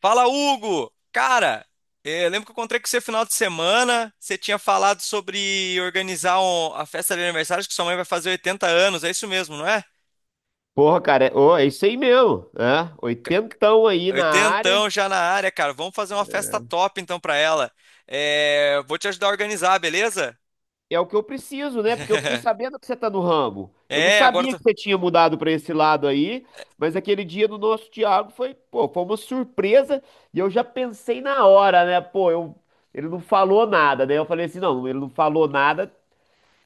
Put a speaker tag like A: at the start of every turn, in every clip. A: Fala, Hugo! Cara, eu lembro que eu encontrei com você final de semana. Você tinha falado sobre organizar a festa de aniversário, acho que sua mãe vai fazer 80 anos, é isso mesmo, não é?
B: Porra, cara, é, ô, é isso aí mesmo, né?
A: Ca-
B: Oitentão aí na área.
A: Oitentão já na área, cara. Vamos fazer uma festa top então pra ela. Vou te ajudar a organizar, beleza?
B: É o que eu preciso, né? Porque eu fiquei sabendo que você tá no ramo. Eu não
A: É, agora
B: sabia
A: eu
B: que
A: tô.
B: você tinha mudado pra esse lado aí, mas aquele dia do nosso Thiago foi, pô, foi uma surpresa e eu já pensei na hora, né? Pô, eu, ele não falou nada, né? Eu falei assim, não, ele não falou nada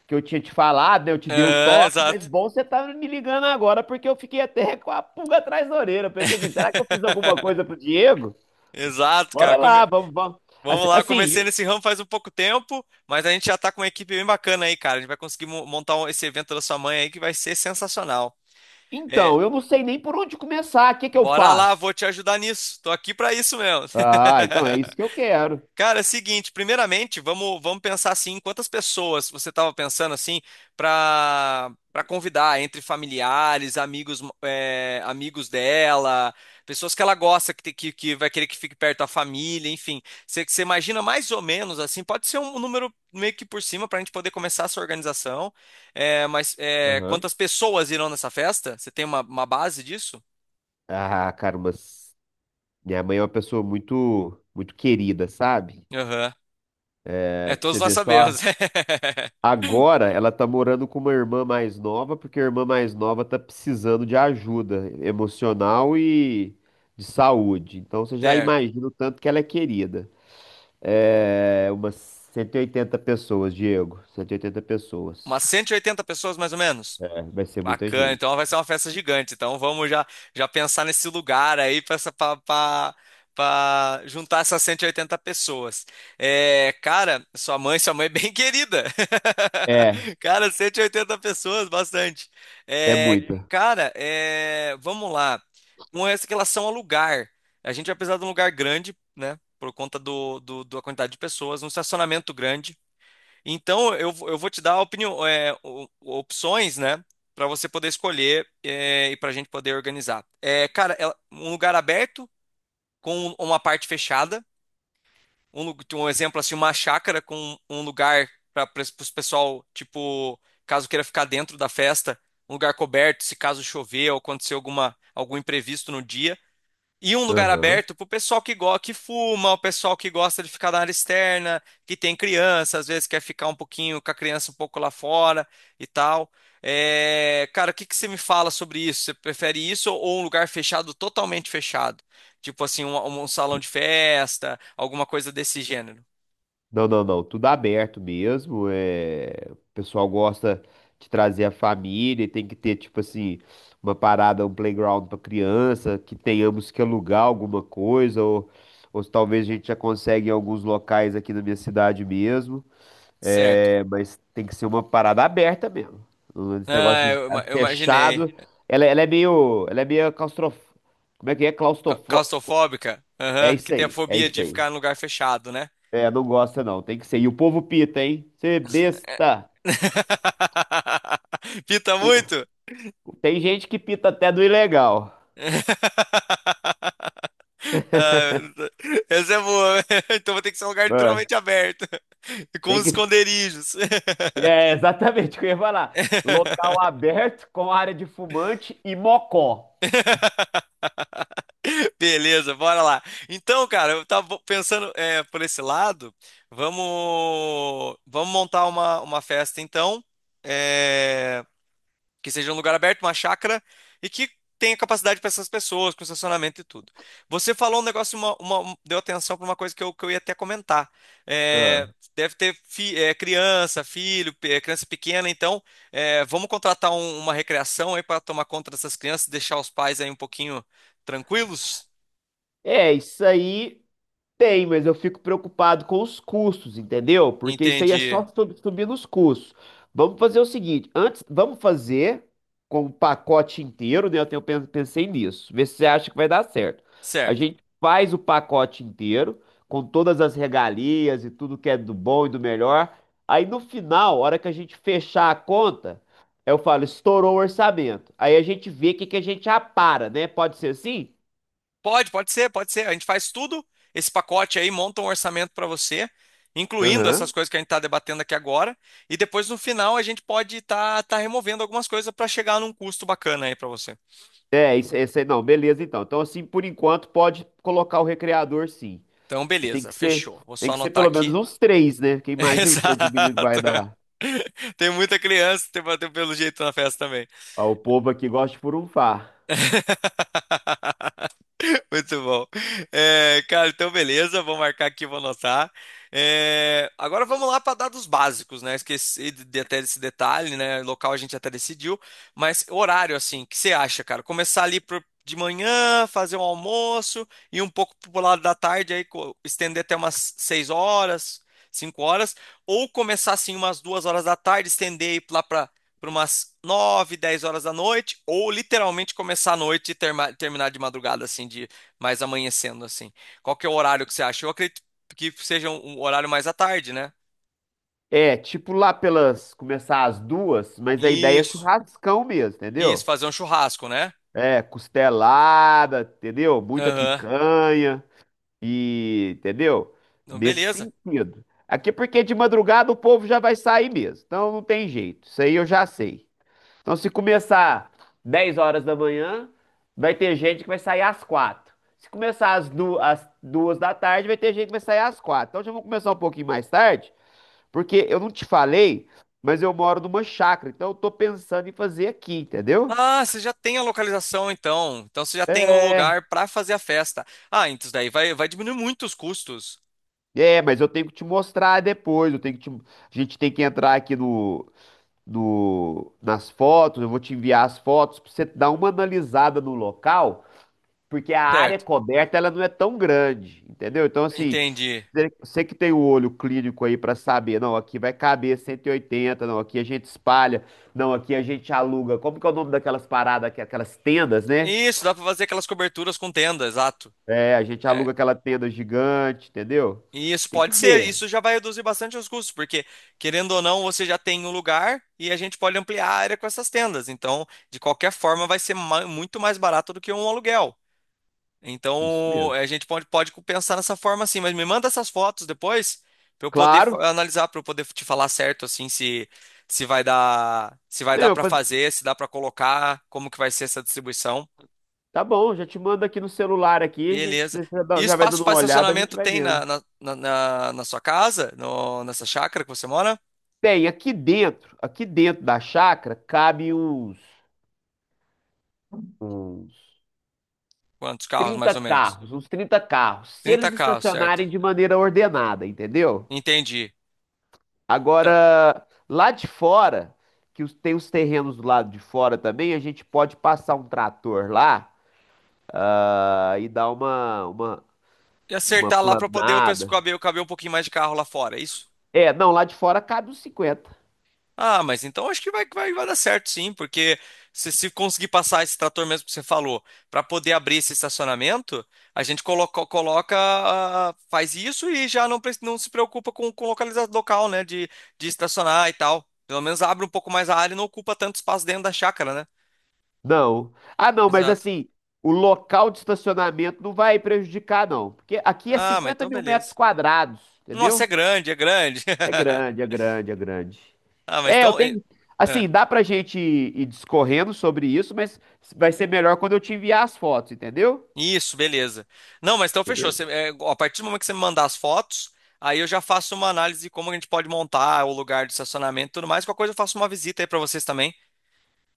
B: que eu tinha te falado, né? Eu te dei o
A: Aham,
B: toque, mas
A: exato.
B: bom você tá me ligando agora porque eu fiquei até com a pulga atrás da orelha. Eu pensei assim, será que eu fiz alguma coisa pro Diego?
A: Exato, cara.
B: Bora lá, vamos, vamos.
A: Vamos
B: Assim,
A: lá, eu
B: assim,
A: comecei nesse ramo faz um pouco tempo, mas a gente já tá com uma equipe bem bacana aí, cara. A gente vai conseguir montar esse evento da sua mãe aí que vai ser sensacional. É,
B: então, eu não sei nem por onde começar. O que que eu
A: bora lá,
B: faço?
A: vou te ajudar nisso. Tô aqui pra isso mesmo.
B: Ah, então é isso que eu quero.
A: Cara, é o seguinte, primeiramente, vamos pensar assim, quantas pessoas você estava pensando assim para convidar entre familiares, amigos é, amigos dela, pessoas que ela gosta, que vai querer que fique perto da família, enfim. Você imagina mais ou menos assim, pode ser um número meio que por cima para a gente poder começar essa organização,
B: Aham.
A: quantas pessoas irão nessa festa? Você tem uma base disso?
B: Ah, cara, mas minha mãe é uma pessoa muito, muito querida, sabe?
A: Aham.
B: É,
A: É,
B: pra
A: todos
B: você
A: nós
B: ver só.
A: sabemos.
B: Agora ela tá morando com uma irmã mais nova, porque a irmã mais nova tá precisando de ajuda emocional e de saúde. Então você já
A: Certo.
B: imagina o tanto que ela é querida. É, umas 180 pessoas, Diego. 180
A: Umas
B: pessoas.
A: 180 pessoas mais ou menos.
B: Vai ser muita
A: Bacana, então vai
B: gente.
A: ser uma festa gigante. Então já pensar nesse lugar aí para juntar essas 180 pessoas. É, cara, sua mãe é bem querida.
B: É,
A: Cara, 180 pessoas, bastante.
B: é
A: É,
B: muita.
A: cara, é, vamos lá. Com essa relação ao lugar, a gente vai precisar de um lugar grande, né? Por conta da quantidade de pessoas, um estacionamento grande. Então, eu vou te dar opinião, é, opções, né? Para você poder escolher é, e para a gente poder organizar. É, cara, um lugar aberto com uma parte fechada. Um exemplo assim, uma chácara com um lugar para os pessoal, tipo, caso queira ficar dentro da festa, um lugar coberto, se caso chover ou acontecer algum imprevisto no dia. E um lugar
B: Aham.
A: aberto pro pessoal que fuma, o pessoal que gosta de ficar na área externa, que tem criança, às vezes quer ficar um pouquinho com a criança um pouco lá fora e tal. É, cara, o que que você me fala sobre isso? Você prefere isso ou um lugar fechado, totalmente fechado? Tipo assim, um salão de festa, alguma coisa desse gênero.
B: Não, não, não. Tudo aberto mesmo. É. O pessoal gosta de trazer a família e tem que ter, tipo assim, uma parada, um playground para criança, que tenhamos que alugar alguma coisa, ou se talvez a gente já consegue em alguns locais aqui na minha cidade mesmo.
A: Certo.
B: É. Mas tem que ser uma parada aberta mesmo. Esse negócio de estar
A: Eu imaginei.
B: fechado. Ela é meio claustrof... Como é que é? Claustrofo...
A: Claustrofóbica?
B: É
A: Aham, que
B: isso
A: tem a
B: aí, é
A: fobia
B: isso
A: de
B: aí.
A: ficar em lugar fechado, né?
B: É, não gosta não, tem que ser. E o povo pita, hein? Você besta.
A: Pita
B: O-
A: muito?
B: Tem gente que pita até do ilegal.
A: Ah, essa é boa. Então vai ter que ser um lugar
B: É,
A: literalmente aberto, com
B: tem
A: os
B: que...
A: esconderijos.
B: é exatamente o que eu ia falar. Local aberto com área de fumante e mocó.
A: Beleza, bora lá. Então, cara, eu tava pensando é, por esse lado. Vamos montar uma festa, então. É, que seja um lugar aberto, uma chácara e que tenha capacidade para essas pessoas, com estacionamento e tudo. Você falou um negócio, deu atenção para uma coisa que que eu ia até comentar. É,
B: Ah.
A: deve ter criança pequena, então é, vamos contratar uma recreação aí para tomar conta dessas crianças, deixar os pais aí um pouquinho tranquilos?
B: É, isso aí. Tem, mas eu fico preocupado com os custos, entendeu? Porque isso aí é
A: Entendi.
B: só subir nos custos. Vamos fazer o seguinte, antes, vamos fazer com o pacote inteiro, né? Pensei nisso, ver se você acha que vai dar certo. A
A: Certo.
B: gente faz o pacote inteiro, com todas as regalias e tudo que é do bom e do melhor. Aí no final, a hora que a gente fechar a conta, eu falo, estourou o orçamento. Aí a gente vê o que que a gente apara, né? Pode ser assim?
A: Pode ser. A gente faz tudo esse pacote aí, monta um orçamento para você, incluindo essas coisas que a gente está debatendo aqui agora. E depois no final a gente pode estar removendo algumas coisas para chegar num custo bacana aí para você.
B: É, isso, esse aí não, beleza então. Então, assim, por enquanto, pode colocar o recreador sim.
A: Então,
B: Mas Tem
A: beleza,
B: que ser,
A: fechou. Vou
B: tem
A: só
B: que ser
A: anotar
B: pelo menos
A: aqui.
B: uns três, né? Porque imagina o tanto de menino que vai
A: Exato.
B: dar
A: Tem muita criança, tem pelo jeito na festa também.
B: ao povo aqui gosta de furunfar.
A: Muito bom. É, cara, então beleza, vou marcar aqui, vou anotar. É, agora vamos lá para dados básicos, né? Esqueci de até desse detalhe, né? Local a gente até decidiu, mas horário, assim, o que você acha, cara? Começar ali de manhã, fazer um almoço e um pouco pro lado da tarde, estender até umas 6 horas, 5 horas, ou começar assim umas 2 horas da tarde, estender aí lá para umas 9 10 horas da noite, ou literalmente começar à noite e terminar de madrugada, assim, de mais amanhecendo assim. Qual que é o horário que você acha? Eu acredito que seja um horário mais à tarde, né?
B: É, tipo lá pelas, começar às duas, mas a ideia é
A: Isso,
B: churrascão mesmo,
A: isso,
B: entendeu?
A: fazer um churrasco, né?
B: É, costelada, entendeu? Muita
A: Aham,
B: picanha e, entendeu?
A: não,
B: Nesse
A: beleza.
B: sentido. Aqui porque de madrugada o povo já vai sair mesmo, então não tem jeito, isso aí eu já sei. Então, se começar 10h da manhã, vai ter gente que vai sair às 4. Se começar às 2 da tarde, vai ter gente que vai sair às 4. Então, já vou começar um pouquinho mais tarde, porque eu não te falei, mas eu moro numa chácara, então eu tô pensando em fazer aqui, entendeu?
A: Ah, você já tem a localização então. Então você já tem o
B: É,
A: lugar para fazer a festa. Ah, então isso daí vai diminuir muito os custos,
B: é, mas eu tenho que te mostrar depois. Eu tenho que te- a gente tem que entrar aqui no, no, nas fotos. Eu vou te enviar as fotos para você dar uma analisada no local porque a área
A: certo?
B: coberta ela não é tão grande, entendeu? Então, assim,
A: Entendi.
B: você que tem o olho clínico aí para saber, não, aqui vai caber 180, não, aqui a gente espalha, não, aqui a gente aluga. Como que é o nome daquelas paradas, aqui, aquelas tendas, né?
A: Isso, dá para fazer aquelas coberturas com tenda, exato.
B: É, a gente
A: É,
B: aluga aquela tenda gigante, entendeu?
A: e isso
B: Tem que
A: pode ser,
B: ver.
A: isso já vai reduzir bastante os custos, porque querendo ou não, você já tem um lugar e a gente pode ampliar a área com essas tendas. Então, de qualquer forma, vai ser muito mais barato do que um aluguel.
B: Isso
A: Então,
B: mesmo.
A: pode pensar nessa forma assim, mas me manda essas fotos depois para eu poder
B: Claro.
A: analisar, para eu poder te falar certo assim se se vai
B: É,
A: dar
B: Eu,
A: para
B: faz-
A: fazer, se dá para colocar, como que vai ser essa distribuição.
B: tá bom, já te mando aqui no celular aqui, a gente
A: Beleza. E
B: já vai
A: espaço
B: dando
A: para
B: uma olhada, a gente
A: estacionamento
B: vai
A: tem
B: vendo.
A: na sua casa? No, nessa chácara que você mora?
B: Tem, aqui dentro da chácara, cabe uns
A: Quantos carros, mais
B: 30
A: ou menos?
B: carros, uns 30 carros, se
A: 30
B: eles
A: carros, certo?
B: estacionarem de maneira ordenada, entendeu?
A: Entendi. Então,
B: Agora, lá de fora, que tem os terrenos do lado de fora também, a gente pode passar um trator lá, ah, e dar uma, uma,
A: e
B: uma
A: acertar lá para poder o pessoal
B: planada.
A: caber um pouquinho mais de carro lá fora, é isso?
B: É, não, lá de fora cabe uns 50.
A: Ah, mas então acho que vai dar certo sim, porque se conseguir passar esse trator mesmo que você falou, para poder abrir esse estacionamento, a gente ah, faz isso e já não se preocupa com localizar local, né, de estacionar e tal. Pelo menos abre um pouco mais a área e não ocupa tanto espaço dentro da chácara, né?
B: Não. Ah, não, mas
A: Exato.
B: assim, o local de estacionamento não vai prejudicar, não. Porque aqui é
A: Ah, mas
B: cinquenta
A: então
B: mil metros
A: beleza.
B: quadrados,
A: Nossa,
B: entendeu?
A: é grande.
B: É grande, é grande, é grande.
A: Ah, mas
B: É, eu
A: então.
B: tenho.
A: É.
B: Assim, dá pra gente ir discorrendo sobre isso, mas vai ser melhor quando eu te enviar as fotos, entendeu?
A: Isso, beleza. Não, mas então fechou. Você,
B: Beleza.
A: é, a partir do momento que você me mandar as fotos, aí eu já faço uma análise de como a gente pode montar o lugar de estacionamento e tudo mais. Qualquer coisa eu faço uma visita aí pra vocês também.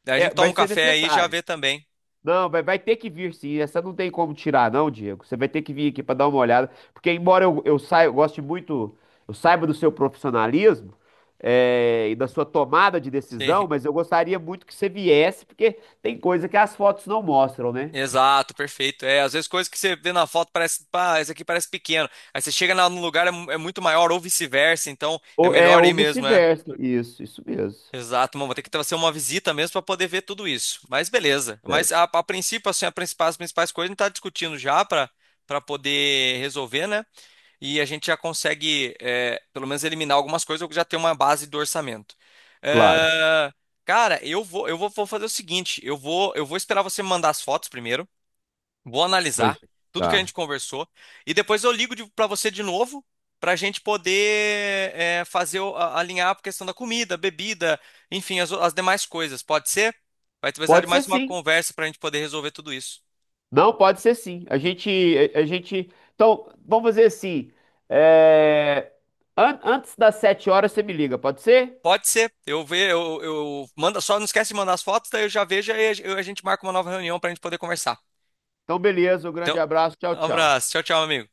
A: Daí a
B: É,
A: gente toma
B: vai
A: um
B: ser
A: café aí e já
B: necessário.
A: vê também.
B: Não, vai ter que vir sim. Essa não tem como tirar, não, Diego. Você vai ter que vir aqui pra dar uma olhada. Porque, embora eu saia, eu goste muito, eu saiba do seu profissionalismo, e da sua tomada de
A: Sim.
B: decisão, mas eu gostaria muito que você viesse, porque tem coisa que as fotos não mostram, né?
A: Exato, perfeito. É, às vezes coisas que você vê na foto parece, pá, esse aqui parece pequeno. Aí você chega no lugar é, é muito maior ou vice-versa, então é
B: Ou, é,
A: melhor aí
B: ou
A: mesmo, é.
B: vice-versa. Isso mesmo.
A: Exato, mano, vou ter que fazer uma visita mesmo para poder ver tudo isso. Mas beleza. Mas
B: Certo.
A: a princípio, assim, as principais coisas a gente está discutindo já para poder resolver, né? E a gente já consegue, é, pelo menos, eliminar algumas coisas, ou já tem uma base do orçamento.
B: Claro.
A: Eh, cara, vou fazer o seguinte, eu vou esperar você me mandar as fotos primeiro. Vou
B: Pra
A: analisar
B: gente.
A: tudo que a
B: Tá.
A: gente conversou e depois eu ligo para você de novo para a gente poder é, fazer alinhar a questão da comida, bebida, enfim, as demais coisas. Pode ser? Vai precisar de
B: Pode ser
A: mais uma
B: sim.
A: conversa para a gente poder resolver tudo isso.
B: Não, pode ser sim. A gente, a gente. Então, vamos fazer assim. é, antes das 7h, você me liga, pode ser?
A: Pode ser. Eu manda, só não esquece de mandar as fotos, daí eu já vejo e a gente marca uma nova reunião para a gente poder conversar.
B: Então, beleza. Um
A: Então,
B: grande abraço. Tchau,
A: um
B: tchau.
A: abraço. Tchau, tchau, amigo.